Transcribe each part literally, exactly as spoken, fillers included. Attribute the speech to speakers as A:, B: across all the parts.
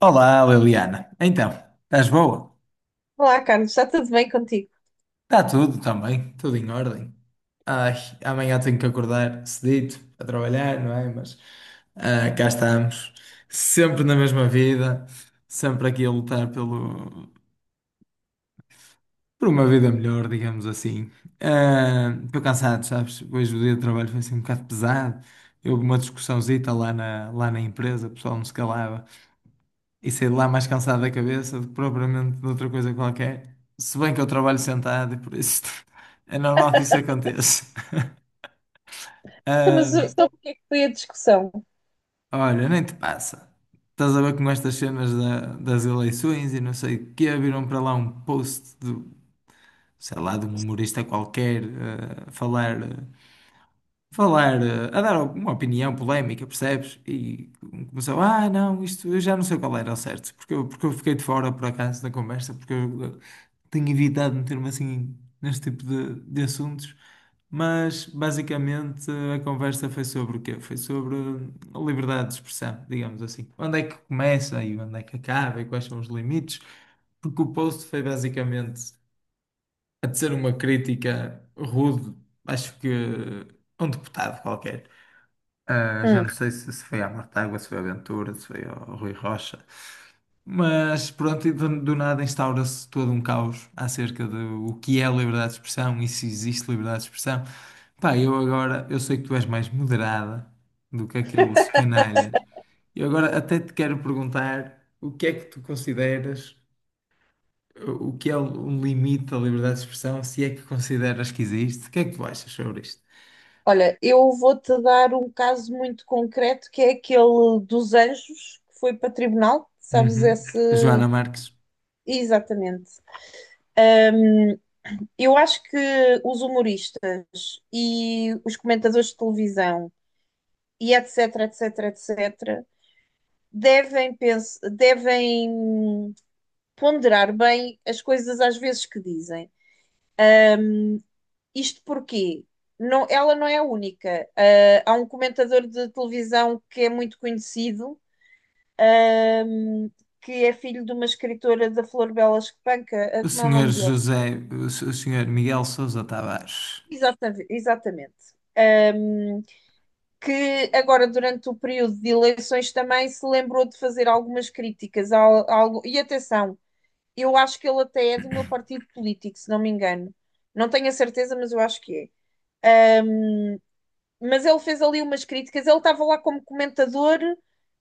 A: Olá, Liliana. Então, estás boa?
B: Olá, Carlos, está tudo bem contigo?
A: Está tudo também, tudo em ordem. Ai, amanhã tenho que acordar cedito a trabalhar, não é? Mas ah, cá estamos, sempre na mesma vida, sempre aqui a lutar pelo, por uma vida melhor, digamos assim. Ah, Estou cansado, sabes? Hoje o dia de trabalho foi assim um bocado pesado. Houve uma discussãozita lá na, lá na empresa, o pessoal não se calava. e saí de lá mais cansado da cabeça do que propriamente de outra coisa qualquer. Se bem que eu trabalho sentado, e por isso é normal que isso aconteça.
B: Então, Mas sobre o que é que foi a discussão?
A: Ah, olha, nem te passa. Estás a ver com estas cenas da- das eleições e não sei o quê, viram para lá um post do, sei lá, de um humorista qualquer ah, a falar. ah, falar, eh, a dar uma opinião polémica, percebes? E começou, ah, não, isto eu já não sei qual era ao certo, porque eu, porque eu fiquei de fora por acaso da conversa, porque eu eh, tenho evitado meter-me assim neste tipo de, de assuntos. Mas basicamente a conversa foi sobre o quê? Foi sobre hum, a liberdade de expressão, digamos assim. Onde é que começa e onde é que acaba e quais são os limites? Porque o post foi basicamente a dizer uma crítica rude, acho que a um deputado qualquer. Ah, já
B: Hum.
A: não sei se, se foi à Mortágua, se foi ao Ventura, se foi ao Rui Rocha. Mas pronto, e do, do nada instaura-se todo um caos acerca do o que é liberdade de expressão e se existe liberdade de expressão. Pá, eu agora, eu sei que tu és mais moderada do que aqueles canalhas. E agora até te quero perguntar o que é que tu consideras o que é um limite da liberdade de expressão, se é que consideras que existe? O que é que tu achas sobre isto?
B: Olha, eu vou-te dar um caso muito concreto que é aquele dos anjos que foi para tribunal, sabes
A: Uhum.
B: esse?
A: Joana Marques.
B: Exatamente. Eu acho que os humoristas e os comentadores de televisão e etc, etc, etc, devem, pens- devem ponderar bem as coisas às vezes que dizem. Isto porquê? Não, ela não é a única. Ah, há um comentador de televisão que é muito conhecido, hum, que é filho de uma escritora da Flor Bela Espanca. Ah,
A: O
B: como é o
A: senhor
B: nome dele?
A: José, o s- o senhor Miguel Sousa Tavares.
B: Exatamente, exatamente. Que agora, durante o período de eleições, também se lembrou de fazer algumas críticas ao- algo. E atenção, eu acho que ele até é do meu partido político, se não me engano. Não tenho a certeza, mas eu acho que é. Mas ele fez ali umas críticas, ele estava lá como comentador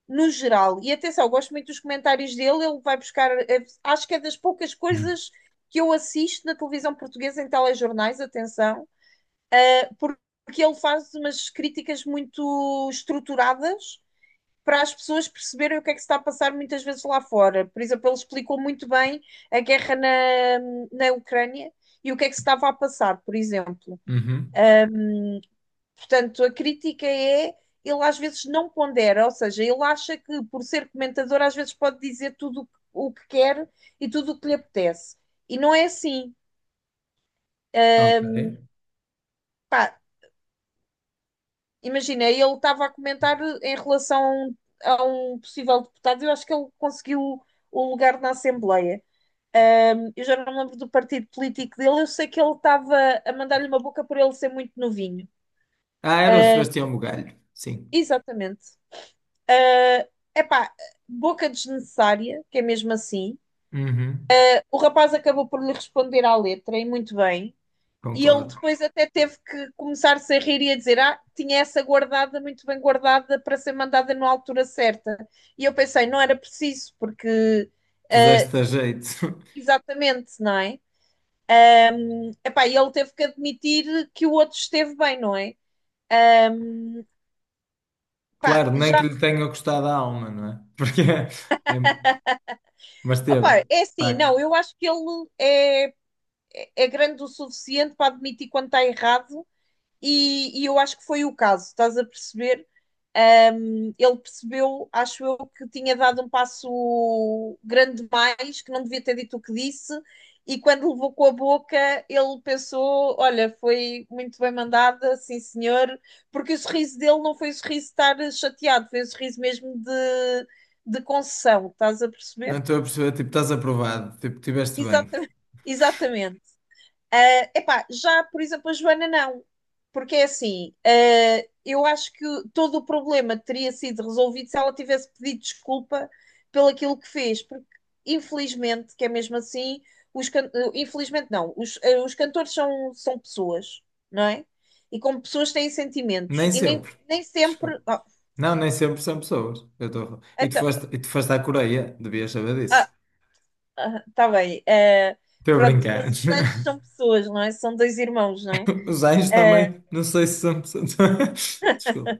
B: no geral. E atenção, eu gosto muito dos comentários dele, ele vai buscar, é, acho que é das poucas coisas que eu assisto na televisão portuguesa em telejornais, atenção, porque ele faz umas críticas muito estruturadas para as pessoas perceberem o que é que se está a passar muitas vezes lá fora. Por exemplo, ele explicou muito bem a guerra na, na Ucrânia e o que é que se estava a passar, por exemplo.
A: Uhum.
B: Portanto, a crítica é, ele às vezes não pondera, ou seja, ele acha que por ser comentador às vezes pode dizer tudo o que- quer e tudo o que lhe apetece. E não é assim. Ah,
A: Ok.
B: Pá, imagina, ele estava a comentar em relação a um, um possível deputado, eu acho que ele conseguiu o lugar na Assembleia. Ahm, eu já não me lembro do partido político dele, eu sei que ele estava a mandar-lhe uma boca por ele ser muito novinho.
A: Ah, era o
B: Uh,
A: Sebastião Bugalho. Sim.
B: Exatamente. É, epá, boca desnecessária, que é mesmo assim.
A: Uhum.
B: O rapaz acabou por lhe responder à letra, e muito bem. E ele
A: Concordo.
B: depois até teve que começar-se a rir e a dizer: Ah, tinha essa guardada, muito bem guardada, para ser mandada na altura certa. E eu pensei: não era preciso, porque. ah,
A: Puseste a jeito.
B: Exatamente, não é? Epá, e ele teve que admitir que o outro esteve bem, não é? Pá,
A: Claro, nem
B: já.
A: que lhe tenha custado a alma, não é? Porque é... é- Mas teve, de
B: Opá, é assim, não,
A: facto.
B: eu acho que ele é, é é grande o suficiente para admitir quando está errado e, e eu acho que foi o caso, estás a perceber? Um, ele percebeu, acho eu, que tinha dado um passo grande demais, que não devia ter dito o que disse, e quando levou com a boca, ele pensou: olha, foi muito bem mandada, sim senhor, porque o sorriso dele não foi o sorriso de estar chateado, foi o sorriso mesmo de, de concessão, estás a
A: Não
B: perceber?
A: estou a perceber, tipo, estás aprovado, tipo, tiveste bem.
B: Exatamente. Exatamente. Ah, epá, já, por exemplo, a Joana não. Porque é assim, ah, eu acho que todo o problema teria sido resolvido se ela tivesse pedido desculpa pelo aquilo que fez. Porque, infelizmente, que é mesmo assim, os can- eh, infelizmente não, os, eh, os cantores são, são pessoas, não é? E como pessoas têm sentimentos.
A: Nem
B: E nem,
A: sempre.
B: nem
A: Desculpa.
B: sempre. Oh,
A: Não, nem sempre são pessoas. Eu tô... E tu
B: então,
A: foste, e tu foste à Coreia, devias saber
B: ah,
A: disso.
B: ah, tá bem. Eh,
A: Estou a
B: pronto,
A: brincar.
B: mas os anjos são pessoas, não é? São dois irmãos, não é?
A: Os anjos
B: Ah,
A: também, não sei se são pessoas. Desculpa.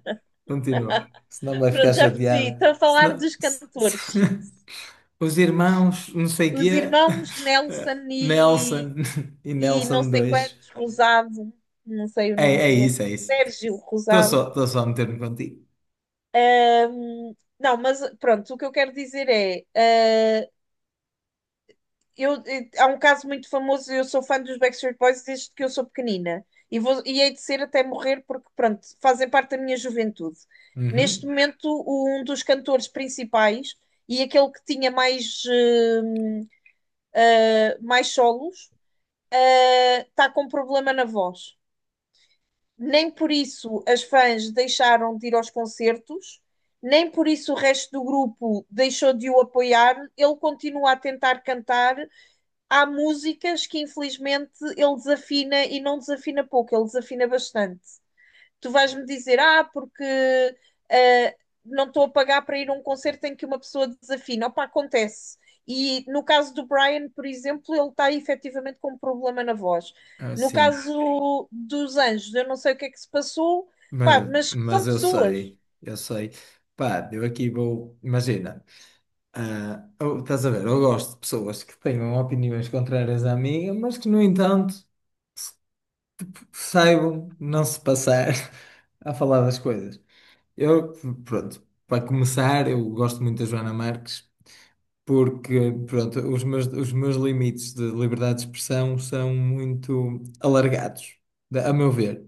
A: Continua. Senão vai ficar
B: pronto, já percebi.
A: chateado.
B: Estou a falar
A: Senão...
B: dos
A: se-
B: cantores.
A: se- Os irmãos, não sei
B: Os
A: quê.
B: irmãos Nelson e,
A: Nelson e
B: e não
A: Nelson
B: sei
A: dois
B: quantos, Rosado, não sei o
A: É,
B: nome
A: é
B: do
A: isso,
B: outro,
A: é isso.
B: Sérgio
A: Estou só,
B: Rosado.
A: estou só a meter-me contigo.
B: Hum, não, mas pronto, o que eu quero dizer é. Ah, eu, eh, há um caso muito famoso, eu sou fã dos Backstreet Boys desde que eu sou pequenina. E, vou, e hei de ser até morrer, porque, pronto, fazem parte da minha juventude. Neste
A: Uhum.
B: momento, um dos cantores principais e aquele que tinha mais, eh, mais solos está com problema na voz. Nem por isso as fãs deixaram de ir aos concertos, nem por isso o resto do grupo deixou de o apoiar. Ele continua a tentar cantar. Há músicas que infelizmente ele desafina, e não desafina pouco, ele desafina bastante. Tu vais-me dizer: ah, porque ah, não estou a pagar para ir a um concerto em que uma pessoa desafina. Opa, acontece. E no caso do Brian, por exemplo, ele está efetivamente com um problema na voz.
A: Ah,
B: No
A: sim.
B: caso dos anjos, eu não sei o que é que se passou,
A: Mas,
B: pá, mas são
A: mas eu
B: pessoas.
A: sei, eu sei. Pá, eu aqui vou. Imagina, ah, eu- estás a ver? Eu gosto de pessoas que tenham opiniões contrárias à minha, mas que, no entanto, saibam não se passar a falar das coisas. Eu, pronto, para começar, eu gosto muito da Joana Marques, porque, pronto, os meus, os meus limites de liberdade de expressão são muito alargados, da- a meu ver.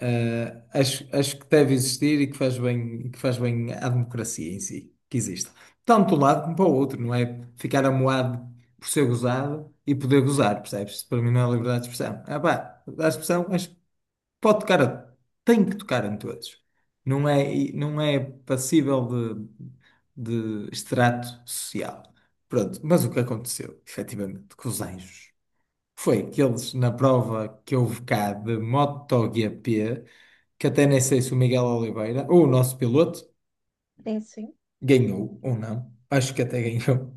A: Uh, acho, acho que deve existir e que faz bem, e que faz bem à democracia em si, que existe. Tanto de um lado como para o outro, não é? Ficar amuado por ser gozado e poder gozar, percebes? Para mim não é liberdade de expressão. Ah pá, a expressão acho que pode tocar, a- tem que tocar em todos. Não é, e não é passível de, de extrato social. Pronto, mas o que aconteceu, efetivamente, com os anjos? Foi que eles, na prova que houve cá de MotoGP, que até nem sei se o Miguel Oliveira, ou o nosso piloto,
B: Sim, sim.
A: ganhou ou não, acho que até ganhou.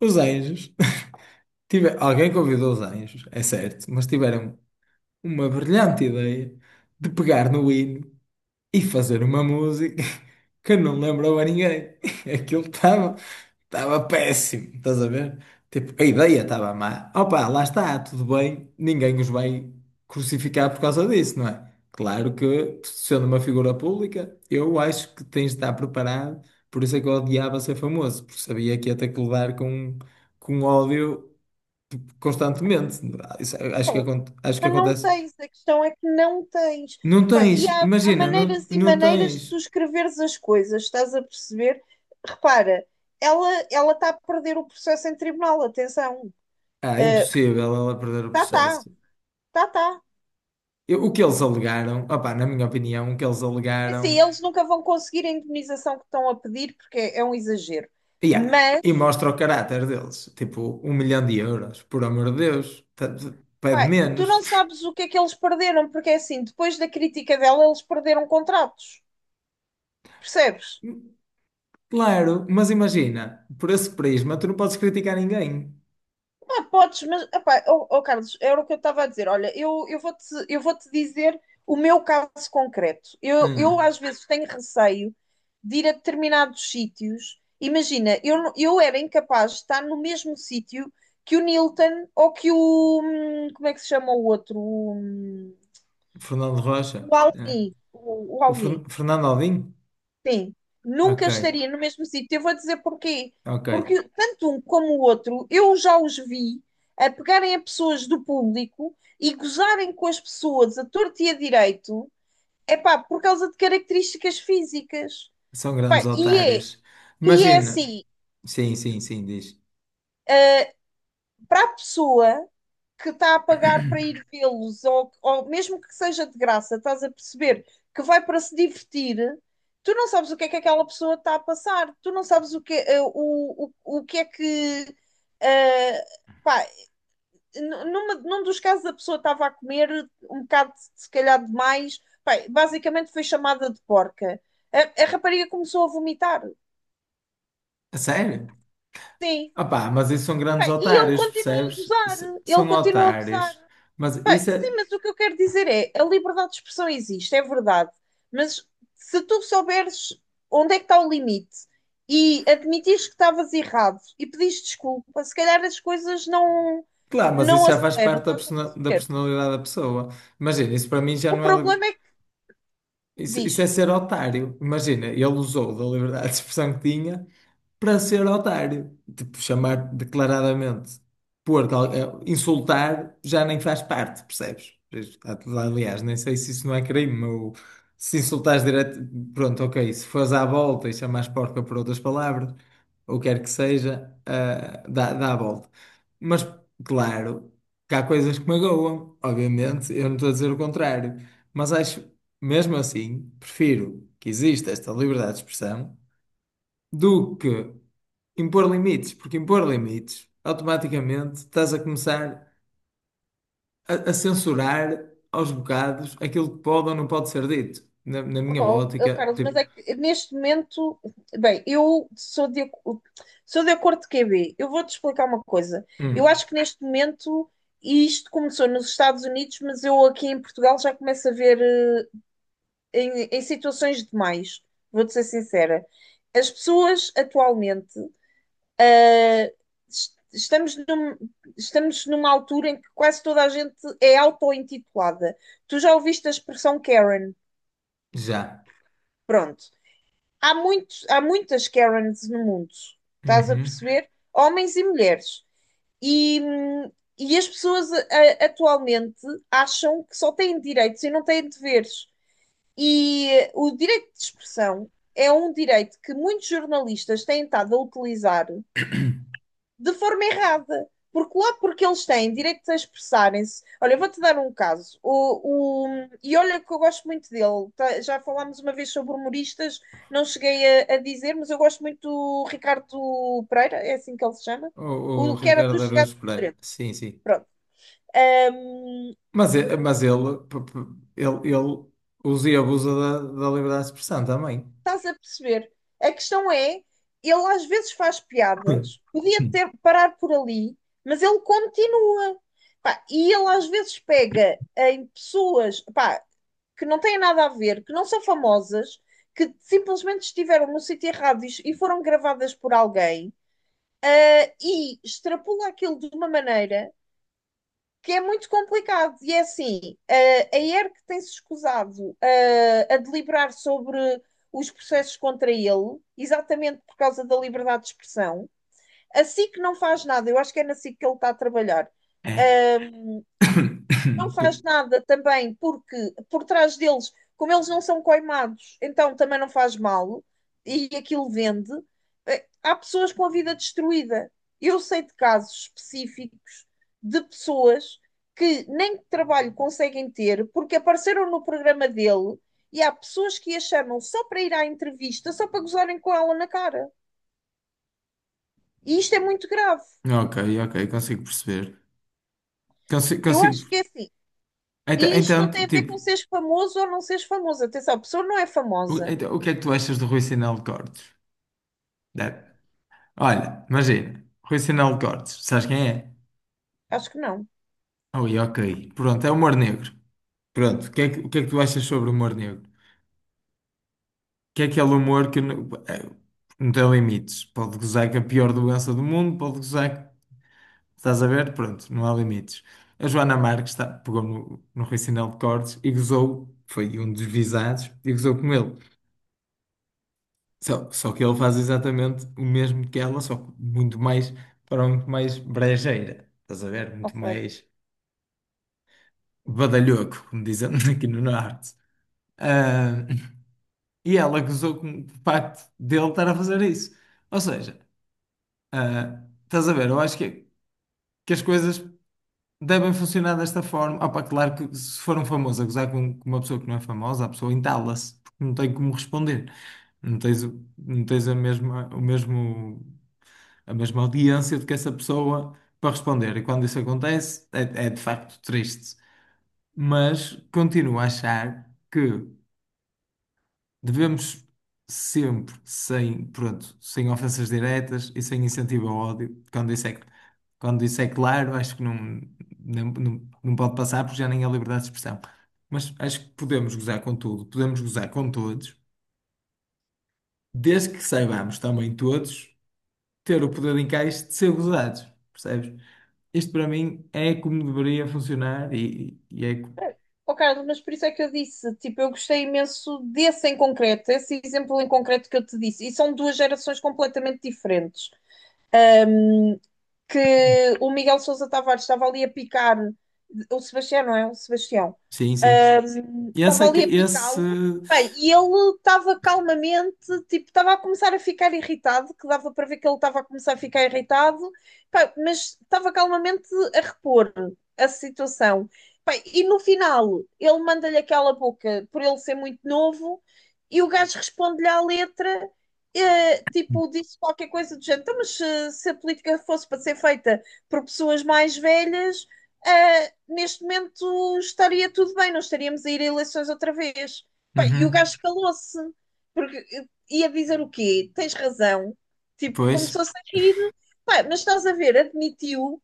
A: Os anjos, tive, alguém convidou os anjos, é certo, mas tiveram uma brilhante ideia de pegar no hino e fazer uma música que não lembrou a ninguém. Aquilo estava estava péssimo, estás a ver? Tipo, a ideia estava má. Opa, lá está, tudo bem, ninguém os vai crucificar por causa disso, não é? Claro que, sendo uma figura pública, eu acho que tens de estar preparado, por isso é que eu odiava ser famoso, porque sabia que ia ter que lidar com, com ódio constantemente. Isso, acho que, acon- acho que
B: Mas não
A: acontece.
B: tens, a questão é que não tens.
A: Não
B: Pá, e
A: tens,
B: há, há
A: imagina, não,
B: maneiras e
A: não
B: maneiras de tu
A: tens.
B: escreveres as coisas, estás a perceber? Repara, ela ela está a perder o processo em tribunal, atenção.
A: Ah, é
B: Ah,
A: impossível ela perder o
B: tá, tá,
A: processo.
B: tá, tá.
A: Eu- o que eles alegaram, opá, na minha opinião, o que eles
B: É assim,
A: alegaram,
B: eles nunca vão conseguir a indemnização que estão a pedir, porque é, é um exagero.
A: yeah, e
B: Mas,
A: mostra o caráter deles, tipo, um milhão de euros, por amor de Deus, t- t- pede
B: pá, tu
A: menos.
B: não sabes o que é que eles perderam, porque é assim, depois da crítica dela, eles perderam contratos, percebes?
A: Claro, mas imagina, por esse prisma, tu não podes criticar ninguém.
B: Ah, podes, mas, epá, oh, oh, Carlos, era o que eu estava a dizer. Olha, eu, eu vou-te, eu vou-te dizer o meu caso concreto. Eu, eu
A: Hum,
B: às vezes tenho receio de ir a determinados sítios. Imagina, eu, não- eu era incapaz de estar no mesmo sítio que o Nilton ou que o. hum, Como é que se chama o outro? O, hum,
A: Fernando Rocha,
B: o
A: é.
B: Alvin. O, o
A: O
B: Alvin.
A: Fer- Fernando Aldinho?
B: Sim,
A: Ok,
B: nunca estaria no mesmo sítio. Eu vou dizer porquê.
A: ok,
B: Porque tanto um como o outro, eu já os vi a pegarem a pessoas do público e gozarem com as pessoas a torto e a direito, epá, por causa de características físicas.
A: são grandes
B: Pá, e é,
A: otários.
B: e é
A: Imagina,
B: assim,
A: sim, sim, sim, diz.
B: para a pessoa que está a pagar para ir vê-los, ou, ou mesmo que seja de graça, estás a perceber, que vai para se divertir, tu não sabes o que é que aquela pessoa está a passar, tu não sabes o que é, eh, o, o, o que, é que eh, pá, numa- num dos casos a pessoa estava a comer um bocado, se calhar, demais, pá, basicamente foi chamada de porca. A, a rapariga começou a vomitar,
A: A sério?
B: sim.
A: Ah pá, mas isso são
B: Pá,
A: grandes
B: e ele
A: otários,
B: continua a
A: percebes?
B: gozar,
A: S-
B: ele
A: São
B: continua a
A: otários.
B: gozar.
A: Mas
B: Pá,
A: isso
B: sim,
A: é.
B: mas o que eu quero dizer é, a liberdade de expressão existe, é verdade, mas se tu souberes onde é que está o limite e admitires que estavas errado e pedires desculpa, se calhar as coisas não
A: Claro, mas
B: não
A: isso já faz
B: aceleram,
A: parte da,
B: estás a
A: persona- da
B: perceber?
A: personalidade da pessoa. Imagina, isso para mim já
B: O
A: não é.
B: problema é que
A: Isso, isso é
B: diz.
A: ser otário. Imagina, ele usou da liberdade de expressão que tinha para ser otário. Tipo, chamar declaradamente, pôr, cal- eh, insultar já nem faz parte, percebes? Aliás, nem sei se isso não é crime. Ou se insultares direto, pronto, ok. Se fores à volta e chamares porca por outras palavras, ou quer que seja, ah, dá, dá a volta. Mas, claro, que há coisas que magoam, obviamente, eu não estou a dizer o contrário. Mas acho mesmo assim, prefiro que exista esta liberdade de expressão do que impor limites, porque impor limites, automaticamente estás a começar a, a censurar aos bocados aquilo que pode ou não pode ser dito. Na, na minha
B: Opa, ó, ó,
A: ótica,
B: Carlos, mas
A: tipo,
B: é que neste momento, bem, eu sou de, ac- sou de acordo com o Q B. Eu vou-te explicar uma coisa. Eu
A: hum,
B: acho que neste momento, e isto começou nos Estados Unidos, mas eu aqui em Portugal já começo a ver eh, em, em situações demais. Vou-te ser sincera. As pessoas atualmente, eh, es- estamos num- estamos numa altura em que quase toda a gente é auto-intitulada. Tu já ouviste a expressão Karen?
A: já.
B: Pronto. há muitos, há muitas Karens no mundo, estás a
A: Uhum.
B: perceber? Homens e mulheres. E, hum, e as pessoas a- a- atualmente acham que só têm direitos e não têm deveres. E, eh, o direito de expressão é um direito que muitos jornalistas têm estado a utilizar de forma errada. Porque lá porque eles têm direito a expressarem-se. Olha, eu vou-te dar um caso. O, o, e olha que eu gosto muito dele. Tá- Já falámos uma vez sobre humoristas, não cheguei a, a dizer, mas eu gosto muito do Ricardo Pereira, é assim que ele se chama.
A: O, o
B: O que era
A: Ricardo
B: dos Gatos
A: Araújo Pereira.
B: Fedorentos.
A: Sim, sim.
B: Pronto. Ahm,
A: Mas, e- mas ele, p- p- ele, ele usa e abusa da, da liberdade de expressão também.
B: Estás a perceber? A questão é, ele às vezes faz piadas, podia ter parar por ali, mas ele continua. Pá, e ele às vezes pega em pessoas, pá, que não têm nada a ver, que não são famosas, que simplesmente estiveram no sítio errado e foram gravadas por alguém, ah, e extrapola aquilo de uma maneira que é muito complicado. E é assim, ah, a E R C tem-se escusado ah, a deliberar sobre os processos contra ele, exatamente por causa da liberdade de expressão. A S I C não faz nada, eu acho que é na S I C que ele está a trabalhar.
A: É.
B: Ah, não faz nada também, porque por trás deles, como eles não são coimados, então também não faz mal e aquilo vende. Eh, Há pessoas com a vida destruída. Eu sei de casos específicos de pessoas que nem trabalho conseguem ter porque apareceram no programa dele, e há pessoas que a chamam só para ir à entrevista, só para gozarem com ela na cara. E isto é muito grave.
A: Ok, ok, consigo perceber. Consigo,
B: Eu
A: consigo.
B: acho que é assim.
A: Então,
B: E isto não
A: então,
B: tem a ver
A: tipo,
B: com seres famoso ou não seres famoso. Atenção, a pessoa não é
A: o,
B: famosa.
A: então, o, que é que tu achas do Rui Sinal de Cortes? Deve- Olha, imagina, Rui Sinal de Cortes, sabes quem é?
B: Acho que não.
A: Ui, ok, pronto, é humor negro. Pronto, o que é que, o que é que tu achas sobre o humor negro? Que é aquele humor que não, é, não tem limites. Pode gozar com a pior doença do mundo, pode gozar, estás a ver? Pronto, não há limites. A Joana Marques tá- pegou no, no Rui Sinal de Cortes e gozou, foi um dos visados, e gozou com ele. Só, só que ele faz exatamente o mesmo que ela, só que muito mais, para um muito mais brejeira, estás a ver? Muito
B: Ok.
A: mais badalhoco, como dizem aqui no Norte. Ah, e ela acusou com o facto dele estar a fazer isso. Ou seja, ah, estás a ver? Eu acho que, que as coisas devem funcionar desta forma. Opa, claro que se for um famoso a gozar com, com uma pessoa que não é famosa, a pessoa entala-se, porque não tem como responder. Não tens, o- não tens a mesma, o mesmo. A mesma audiência do que essa pessoa para responder. E quando isso acontece, é, é de facto triste. Mas continuo a achar que devemos sempre, sem, pronto, sem ofensas diretas e sem incentivo ao ódio, quando isso é, quando isso é claro, acho que não, não, não, não, pode passar porque já nem há liberdade de expressão. Mas acho que podemos gozar com tudo, podemos gozar com todos, desde que saibamos também todos. Ter o poder de encaixe de ser gozados, percebes? Isto para mim é como deveria funcionar e, e é. co-
B: Oh, Carlos, mas por isso é que eu disse, tipo, eu gostei imenso desse em concreto, esse exemplo em concreto que eu te disse. E são duas gerações completamente diferentes. Que o Miguel Sousa Tavares estava ali a picar, o Sebastião, não é? O Sebastião.
A: Sim, sim.
B: Sim,
A: Esse
B: estava
A: é que.
B: ali a
A: Esse.
B: picá-lo. Bem, e ele estava calmamente, tipo, estava a começar a ficar irritado, que dava para ver que ele estava a começar a ficar irritado. Pá, mas estava calmamente a repor a situação. Bem, e no final, ele manda-lhe aquela boca por ele ser muito novo, e o gajo responde-lhe à letra, eh, tipo, disse qualquer coisa do género. Então, mas se, se a política fosse para ser feita por pessoas mais velhas, eh, neste momento estaria tudo bem, não estaríamos a ir a eleições outra vez. Pá, e o
A: Uhum.
B: gajo calou-se, porque eh, ia dizer o quê? Tens razão. Tipo,
A: Pois.
B: começou-se a rir. Pá, mas estás a ver, admitiu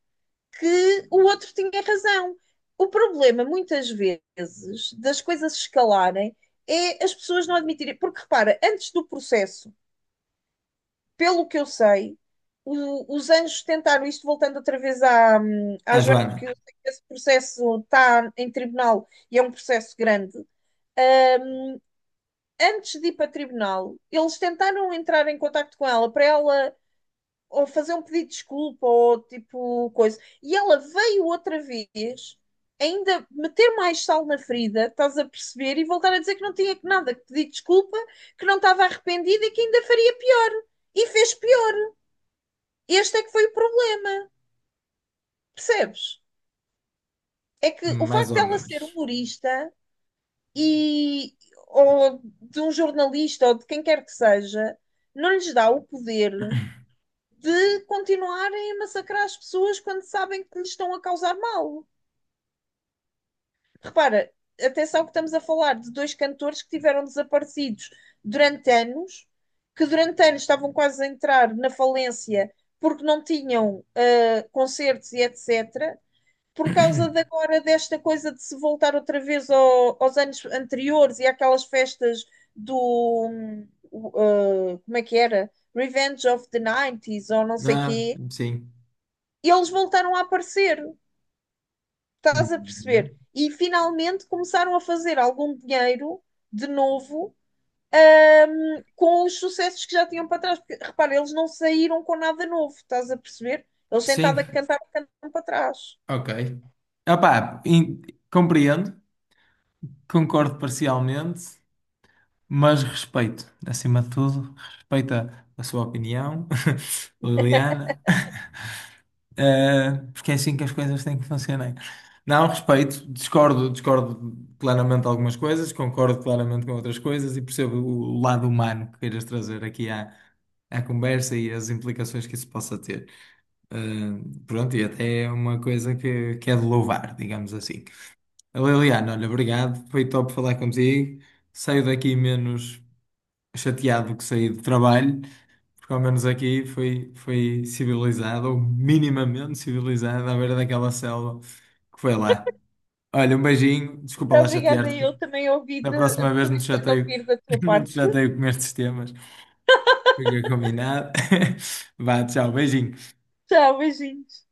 B: que o outro tinha razão. O problema, muitas vezes, das coisas escalarem é as pessoas não admitirem. Porque repara, antes do processo, pelo que eu sei, o- os anjos tentaram, isto voltando outra vez à, à
A: A
B: Joana,
A: Joana.
B: porque eu sei que esse processo está em tribunal e é um processo grande. Antes de ir para tribunal, eles tentaram entrar em contacto com ela para ela ou fazer um pedido de desculpa ou tipo coisa. E ela veio outra vez ainda meter mais sal na ferida, estás a perceber, e voltar a dizer que não tinha que nada, que pedir desculpa, que não estava arrependida e que ainda faria pior. E fez pior. Este é que foi o problema. Percebes? É que o
A: Mais
B: facto
A: ou
B: dela ser
A: menos.
B: humorista e ou de um jornalista ou de quem quer que seja, não lhes dá o poder de continuarem a massacrar as pessoas quando sabem que lhes estão a causar mal. Repara, atenção que estamos a falar de dois cantores que tiveram desaparecidos durante anos, que durante anos estavam quase a entrar na falência porque não tinham ah, concertos e et cetera Por causa de agora desta coisa de se voltar outra vez ao- aos anos anteriores e àquelas festas do hum, o, uh, como é que era? Revenge of the anos noventa ou não sei
A: Ah,
B: quê,
A: sim.
B: e eles voltaram a aparecer, estás a perceber?
A: Uhum.
B: E finalmente começaram a fazer algum dinheiro de novo, hum, com os sucessos que já tinham para trás, porque repara, eles não saíram com nada novo, estás a perceber? Eles
A: Sim,
B: sentados a cantar, cantam para trás.
A: ok. Opá, in- compreendo, concordo parcialmente, mas respeito, acima de tudo, respeito a, a sua opinião, Liliana. Uh, porque é assim que as coisas têm que funcionar. Não, respeito, discordo, discordo claramente de algumas coisas, concordo claramente com outras coisas e percebo o lado humano que queiras trazer aqui à, à conversa e as implicações que isso possa ter. Uh, pronto, e até é uma coisa que, que é de louvar, digamos assim. Liliana, olha, obrigado, foi top falar contigo. Saio daqui menos chateado que saí do trabalho porque ao menos aqui foi, foi civilizada, ou minimamente civilizada, à beira daquela selva que foi lá. Olha, um beijinho, desculpa lá
B: Obrigada,
A: chatear-te.
B: eu também ouvi, de,
A: Da próxima vez não
B: também
A: te
B: gostei de
A: chateio,
B: ouvir da tua
A: não te
B: parte.
A: chateio com estes temas. Fica combinado. Vá, tchau, beijinho.
B: Tchau, beijinhos.